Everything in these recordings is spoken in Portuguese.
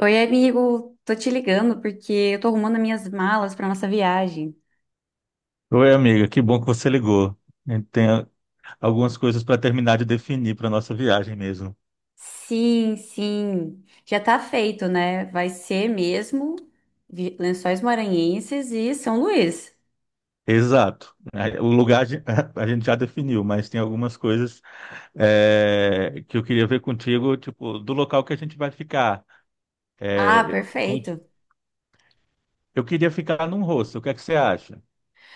Oi, amigo, tô te ligando porque eu tô arrumando minhas malas para nossa viagem. Oi, amiga, que bom que você ligou. A gente tem algumas coisas para terminar de definir para nossa viagem mesmo. Sim, sim, já tá feito, né? Vai ser mesmo Lençóis Maranhenses e São Luís. Exato. Aí, o lugar a gente já definiu, mas tem algumas coisas que eu queria ver contigo, tipo, do local que a gente vai ficar. Ah, É, com- perfeito. eu queria ficar num hostel, o que é que você acha?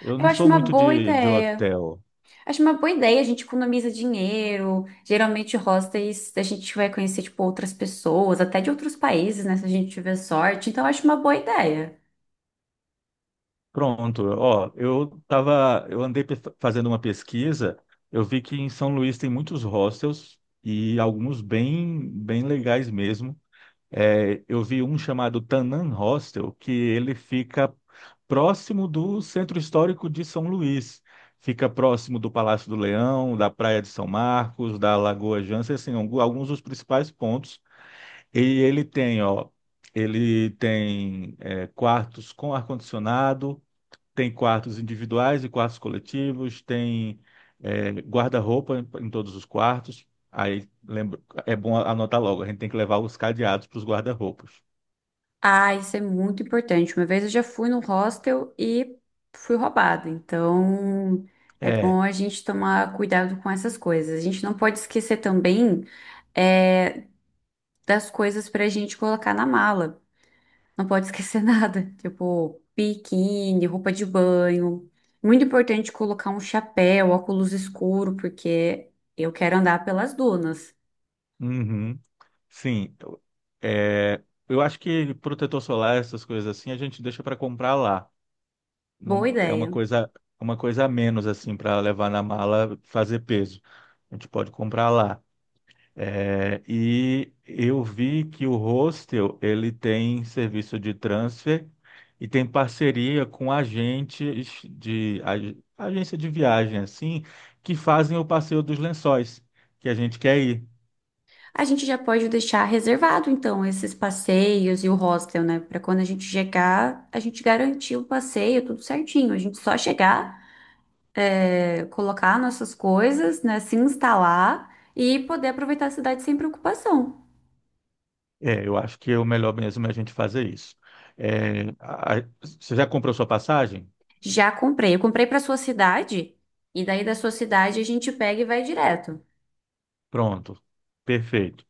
Eu Eu não acho sou uma muito boa de ideia. hotel. Acho uma boa ideia, a gente economiza dinheiro. Geralmente, hostels, a gente vai conhecer, tipo, outras pessoas, até de outros países, né? Se a gente tiver sorte. Então, eu acho uma boa ideia. Pronto, ó, eu andei fazendo uma pesquisa, eu vi que em São Luís tem muitos hostels e alguns bem, bem legais mesmo. É, eu vi um chamado Tanan Hostel, que ele fica próximo do Centro Histórico de São Luís. Fica próximo do Palácio do Leão, da Praia de São Marcos, da Lagoa Jança, assim, alguns dos principais pontos. E ele tem, ó, quartos com ar-condicionado, tem quartos individuais e quartos coletivos, tem guarda-roupa em todos os quartos. Aí lembra, é bom anotar logo, a gente tem que levar os cadeados para os guarda-roupas. Ah, isso é muito importante. Uma vez eu já fui no hostel e fui roubada. Então, é É, bom a gente tomar cuidado com essas coisas. A gente não pode esquecer também é, das coisas para a gente colocar na mala. Não pode esquecer nada, tipo biquíni, roupa de banho. Muito importante colocar um chapéu, óculos escuro, porque eu quero andar pelas dunas. uhum, sim. É, eu acho que protetor solar, essas coisas assim, a gente deixa para comprar lá. Boa Não, é uma ideia. coisa, uma coisa a menos assim para levar na mala, fazer peso. A gente pode comprar lá. É, e eu vi que o Hostel ele tem serviço de transfer e tem parceria com agentes de agência de viagem assim que fazem o passeio dos lençóis que a gente quer ir. A gente já pode deixar reservado, então, esses passeios e o hostel, né? Para quando a gente chegar, a gente garantir o passeio, tudo certinho. A gente só chegar, colocar nossas coisas, né? Se instalar e poder aproveitar a cidade sem preocupação. É, eu acho que é o melhor mesmo é a gente fazer isso. É, você já comprou sua passagem? Já comprei. Eu comprei para sua cidade e daí da sua cidade a gente pega e vai direto. Pronto, perfeito.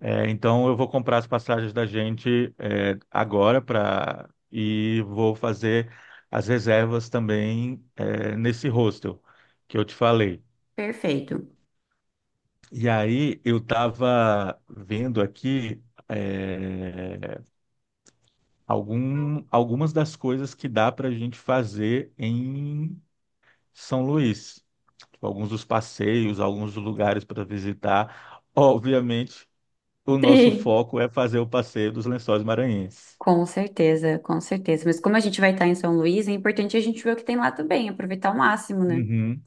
É, então eu vou comprar as passagens da gente agora para e vou fazer as reservas também nesse hostel que eu te falei. Perfeito. E aí eu estava vendo aqui é, algumas das coisas que dá para a gente fazer em São Luís, tipo, alguns dos passeios, alguns dos lugares para visitar. Obviamente, o nosso Sim. foco é fazer o passeio dos Lençóis Maranhenses. Com certeza, com certeza. Mas como a gente vai estar em São Luís, é importante a gente ver o que tem lá também, aproveitar ao máximo, né? Uhum.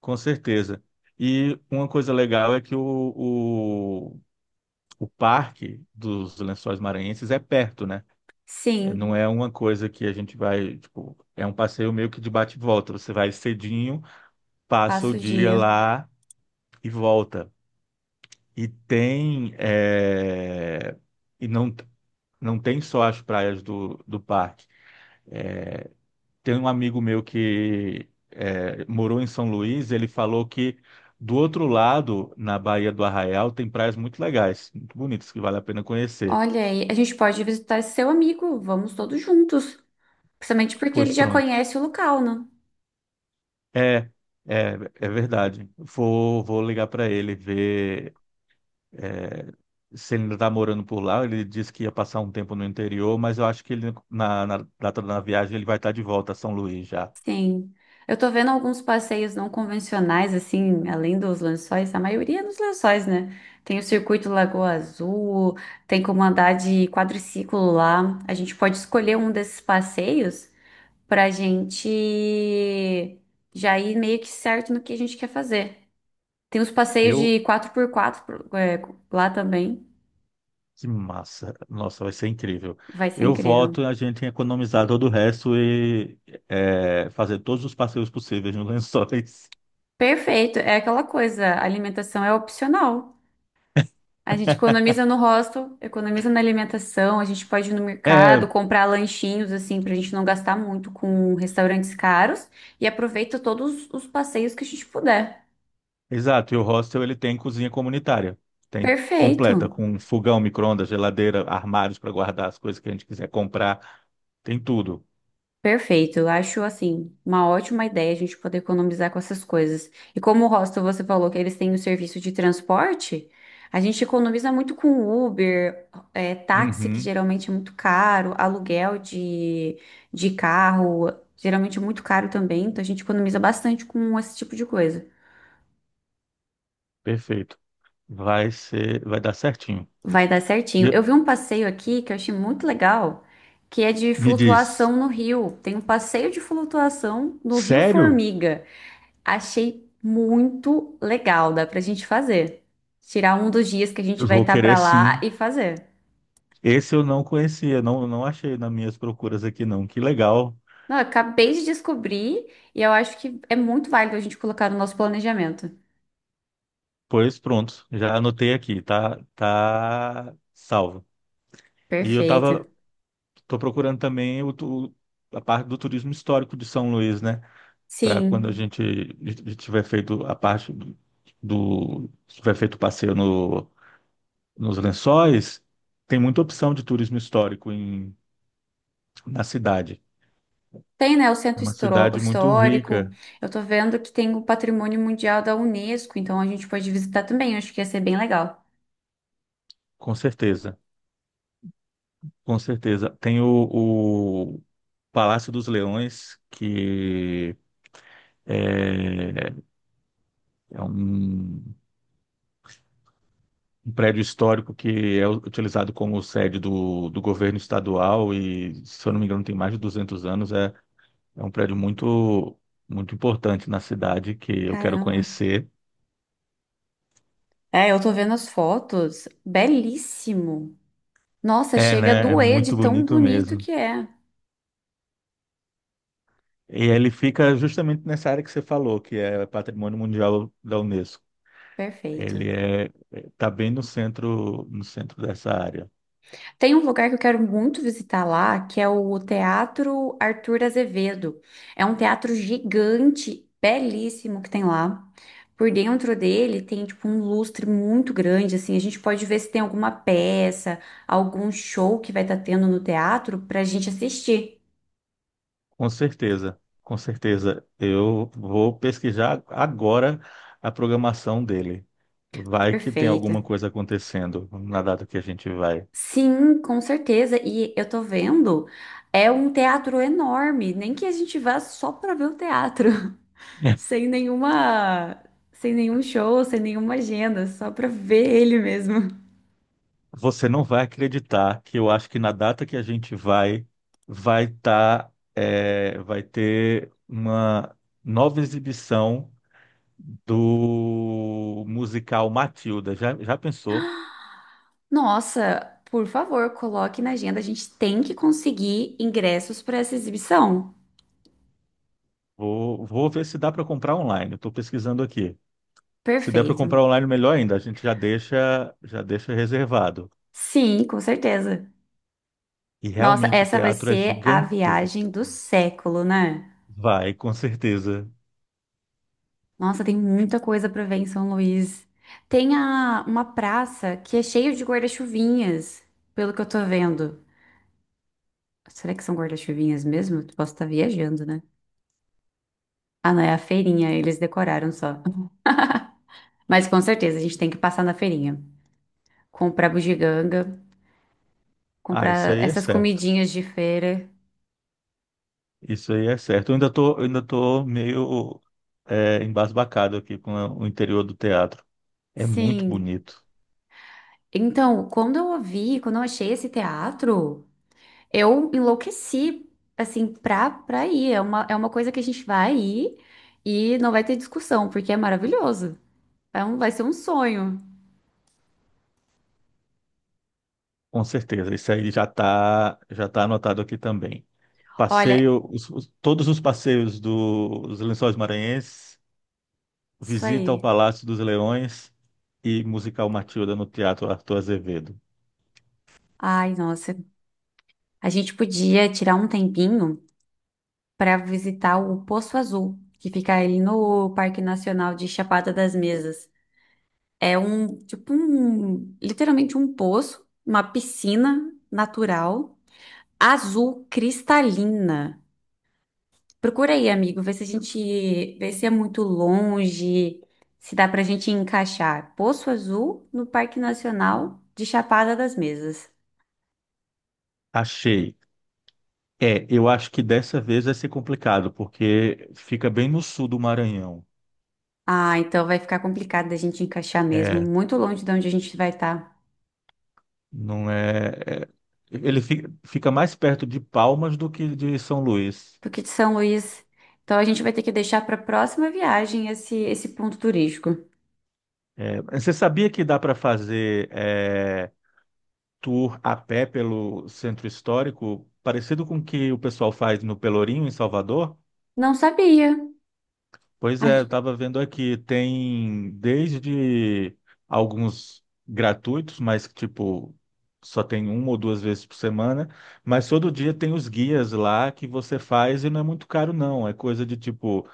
Com certeza. E uma coisa legal é que o, o parque dos Lençóis Maranhenses é perto, né? É. Não Sim, é uma coisa que a gente vai, tipo, é um passeio meio que de bate e volta. Você vai cedinho, passa o passa o dia dia. lá e volta. E tem, é, e não, não tem só as praias do parque. Tem um amigo meu que morou em São Luís, ele falou que do outro lado, na Baía do Arraial, tem praias muito legais, muito bonitas, que vale a pena conhecer. Olha aí, a gente pode visitar esse seu amigo, vamos todos juntos. Principalmente porque Pois ele já pronto. conhece o local, né? É, é verdade. Vou ligar para ele, ver é, se ele ainda está morando por lá. Ele disse que ia passar um tempo no interior, mas eu acho que ele, na data da viagem ele vai estar de volta a São Luís já. Sim. Eu tô vendo alguns passeios não convencionais, assim, além dos lençóis, a maioria é nos lençóis, né? Tem o circuito Lagoa Azul, tem como andar de quadriciclo lá. A gente pode escolher um desses passeios pra gente já ir meio que certo no que a gente quer fazer. Tem os passeios Eu, de quatro por quatro lá também. Que massa. Nossa, vai ser incrível. Vai ser Eu voto incrível. a gente economizar todo o resto e fazer todos os passeios possíveis no Lençóis. Perfeito, é aquela coisa, a alimentação é opcional. A gente economiza no hostel, economiza na alimentação, a gente pode ir no É, mercado, comprar lanchinhos assim pra gente não gastar muito com restaurantes caros e aproveita todos os passeios que a gente puder. exato. E o hostel ele tem cozinha comunitária. Tem Perfeito. completa, com fogão, micro-ondas, geladeira, armários para guardar as coisas que a gente quiser comprar. Tem tudo. Perfeito, eu acho assim uma ótima ideia a gente poder economizar com essas coisas. E como o hostel você falou que eles têm o serviço de transporte, a gente economiza muito com Uber, táxi que Uhum, geralmente é muito caro, aluguel de carro geralmente é muito caro também, então a gente economiza bastante com esse tipo de coisa. perfeito. Vai ser, vai dar certinho. Vai dar E certinho. eu- Eu vi um passeio aqui que eu achei muito legal, que é de Me diz, flutuação no rio. Tem um passeio de flutuação no Rio sério? Formiga. Achei muito legal, dá pra gente fazer. Tirar um dos dias que a Eu gente vai vou estar querer pra lá sim. e fazer. Esse eu não conhecia, não, não achei nas minhas procuras aqui, não. Que legal. Não, eu acabei de descobrir e eu acho que é muito válido a gente colocar no nosso planejamento. Pois pronto, já anotei aqui, tá salvo. E Perfeito. Tô procurando também a parte do turismo histórico de São Luís, né? Para quando a Sim. gente tiver feito a parte do, do- tiver feito o passeio no, nos Lençóis, tem muita opção de turismo histórico na cidade. Tem, né, o É uma cidade muito histórico. rica, Eu tô vendo que tem o Patrimônio Mundial da Unesco, então a gente pode visitar também. Eu acho que ia ser bem legal. com certeza, com certeza. Tem o Palácio dos Leões, que é É um prédio histórico que é utilizado como sede do governo estadual e, se eu não me engano, tem mais de 200 anos. É um prédio muito, muito importante na cidade que eu quero Caramba. conhecer. É, eu tô vendo as fotos. Belíssimo. Nossa, É, chega a né? É doer de muito tão bonito bonito mesmo. que é. E ele fica justamente nessa área que você falou, que é Patrimônio Mundial da Unesco. Ele Perfeito. Tá bem no centro, dessa área. Tem um lugar que eu quero muito visitar lá, que é o Teatro Arthur Azevedo. É um teatro gigante, belíssimo que tem lá. Por dentro dele tem tipo um lustre muito grande, assim, a gente pode ver se tem alguma peça, algum show que vai estar tendo no teatro para a gente assistir. Com certeza, com certeza. Eu vou pesquisar agora a programação dele. Vai que tem Perfeita. alguma coisa acontecendo na data que a gente vai. Sim, com certeza. E eu tô vendo, é um teatro enorme, nem que a gente vá só para ver o teatro. sem nenhuma, sem nenhum show, sem nenhuma agenda, só pra ver ele mesmo. Você não vai acreditar que eu acho que na data que a gente vai, vai ter uma nova exibição do musical Matilda. Já pensou? Nossa, por favor, coloque na agenda. A gente tem que conseguir ingressos para essa exibição. Vou ver se dá para comprar online. Estou pesquisando aqui. Se der para Perfeito. comprar online, melhor ainda. A gente já deixa reservado. Sim, com certeza. E Nossa, realmente o essa vai teatro é ser a viagem do gigantesco. século, né? Vai, com certeza. Nossa, tem muita coisa para ver em São Luís. Tem a, uma praça que é cheia de guarda-chuvinhas, pelo que eu tô vendo. Será que são guarda-chuvinhas mesmo? Posso estar viajando, né? Ah, não, é a feirinha, eles decoraram só. Mas com certeza a gente tem que passar na feirinha. Comprar bugiganga, Ah, isso comprar aí é essas certo. comidinhas de feira. Isso aí é certo. Eu ainda tô meio embasbacado aqui com o interior do teatro. É muito Sim. bonito. Então, quando eu ouvi, quando eu achei esse teatro, eu enlouqueci, assim, pra ir. É uma coisa que a gente vai ir e não vai ter discussão, porque é maravilhoso. Vai ser um sonho. Com certeza. Isso aí já tá anotado aqui também. Olha, Passeio, todos os passeios dos Lençóis Maranhenses, isso visita ao aí. Palácio dos Leões e musical Matilda no Teatro Arthur Azevedo. Ai, nossa. A gente podia tirar um tempinho para visitar o Poço Azul, que fica ali no Parque Nacional de Chapada das Mesas. Literalmente um poço, uma piscina natural, azul cristalina. Procura aí, amigo, vê se a gente, vê se é muito longe, se dá pra gente encaixar. Poço Azul no Parque Nacional de Chapada das Mesas. Achei. É, eu acho que dessa vez vai ser complicado, porque fica bem no sul do Maranhão. Ah, então vai ficar complicado da gente encaixar mesmo, É, muito longe de onde a gente vai estar. não é. Fica mais perto de Palmas do que de São Luís. Do de São Luís. Então a gente vai ter que deixar para a próxima viagem esse ponto turístico. É, você sabia que dá para fazer tour a pé pelo centro histórico, parecido com o que o pessoal faz no Pelourinho, em Salvador? Não sabia. Pois é, eu A- estava vendo aqui, tem desde alguns gratuitos, mas que, tipo, só tem uma ou duas vezes por semana, mas todo dia tem os guias lá que você faz e não é muito caro não, é coisa de tipo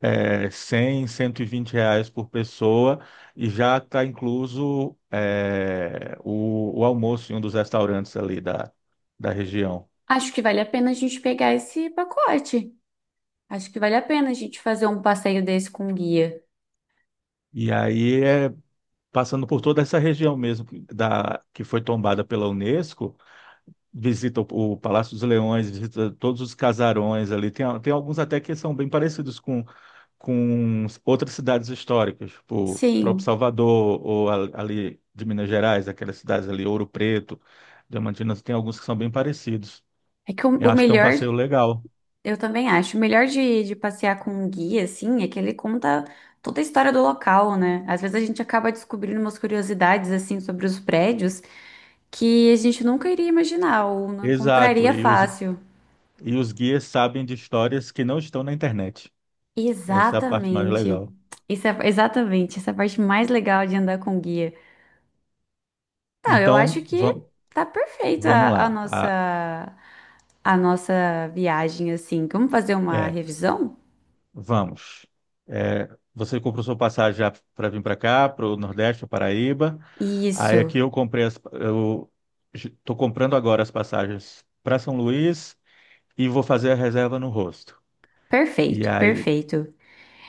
é, cem R$ 120 por pessoa e já está incluso o almoço em um dos restaurantes ali da região. Acho que vale a pena a gente pegar esse pacote. Acho que vale a pena a gente fazer um passeio desse com um guia. E aí é passando por toda essa região mesmo que foi tombada pela Unesco, visita o Palácio dos Leões, visita todos os casarões ali. Tem alguns até que são bem parecidos com outras cidades históricas, tipo o próprio Sim, Salvador, ou ali de Minas Gerais, aquelas cidades ali, Ouro Preto, Diamantina, tem alguns que são bem parecidos. é que Eu o acho que é um melhor, passeio legal. eu também acho, o melhor de passear com um guia, assim, é que ele conta toda a história do local, né? Às vezes a gente acaba descobrindo umas curiosidades, assim, sobre os prédios que a gente nunca iria imaginar ou não Exato, encontraria e os, fácil. e os guias sabem de histórias que não estão na internet. Essa é a parte mais Exatamente. legal. Isso é exatamente essa é a parte mais legal de andar com guia. Não, eu acho Então, que tá perfeito vamos lá. A nossa viagem assim. Vamos fazer uma é, revisão? Vamos. É, você comprou sua passagem já para vir para cá, para o Nordeste, para Paraíba. Aí aqui Isso. Eu estou comprando agora as passagens para São Luís e vou fazer a reserva no rosto. E Perfeito, aí, perfeito.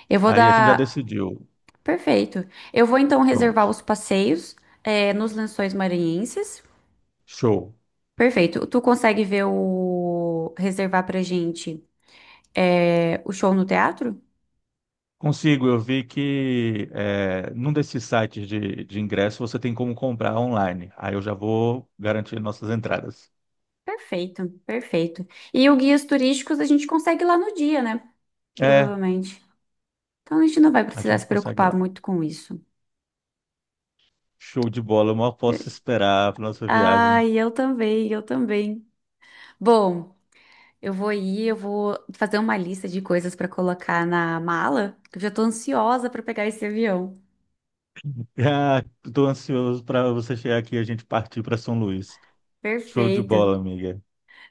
Eu vou aí a gente já dar decidiu. perfeito. Eu vou então reservar Pronto. os passeios nos Lençóis Maranhenses. Show. Perfeito. Tu consegue ver o reservar pra gente o show no teatro? Consigo. Eu vi que num desses sites de ingresso você tem como comprar online. Aí eu já vou garantir nossas entradas. Perfeito, perfeito. E o guias turísticos a gente consegue lá no dia, né? É, Provavelmente. Então a gente não vai a precisar gente se consegue preocupar lá. muito com isso. Show de bola. Eu mal posso esperar para nossa viagem. Ai, eu também, eu também. Bom, eu vou ir, eu vou fazer uma lista de coisas para colocar na mala, que eu já tô ansiosa para pegar esse avião. Ah, tô ansioso para você chegar aqui e a gente partir para São Luís. Show de Perfeito. bola, amiga.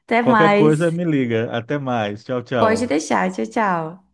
Até Qualquer coisa, mais. me liga. Até mais. Tchau, Pode tchau. deixar. Tchau, tchau.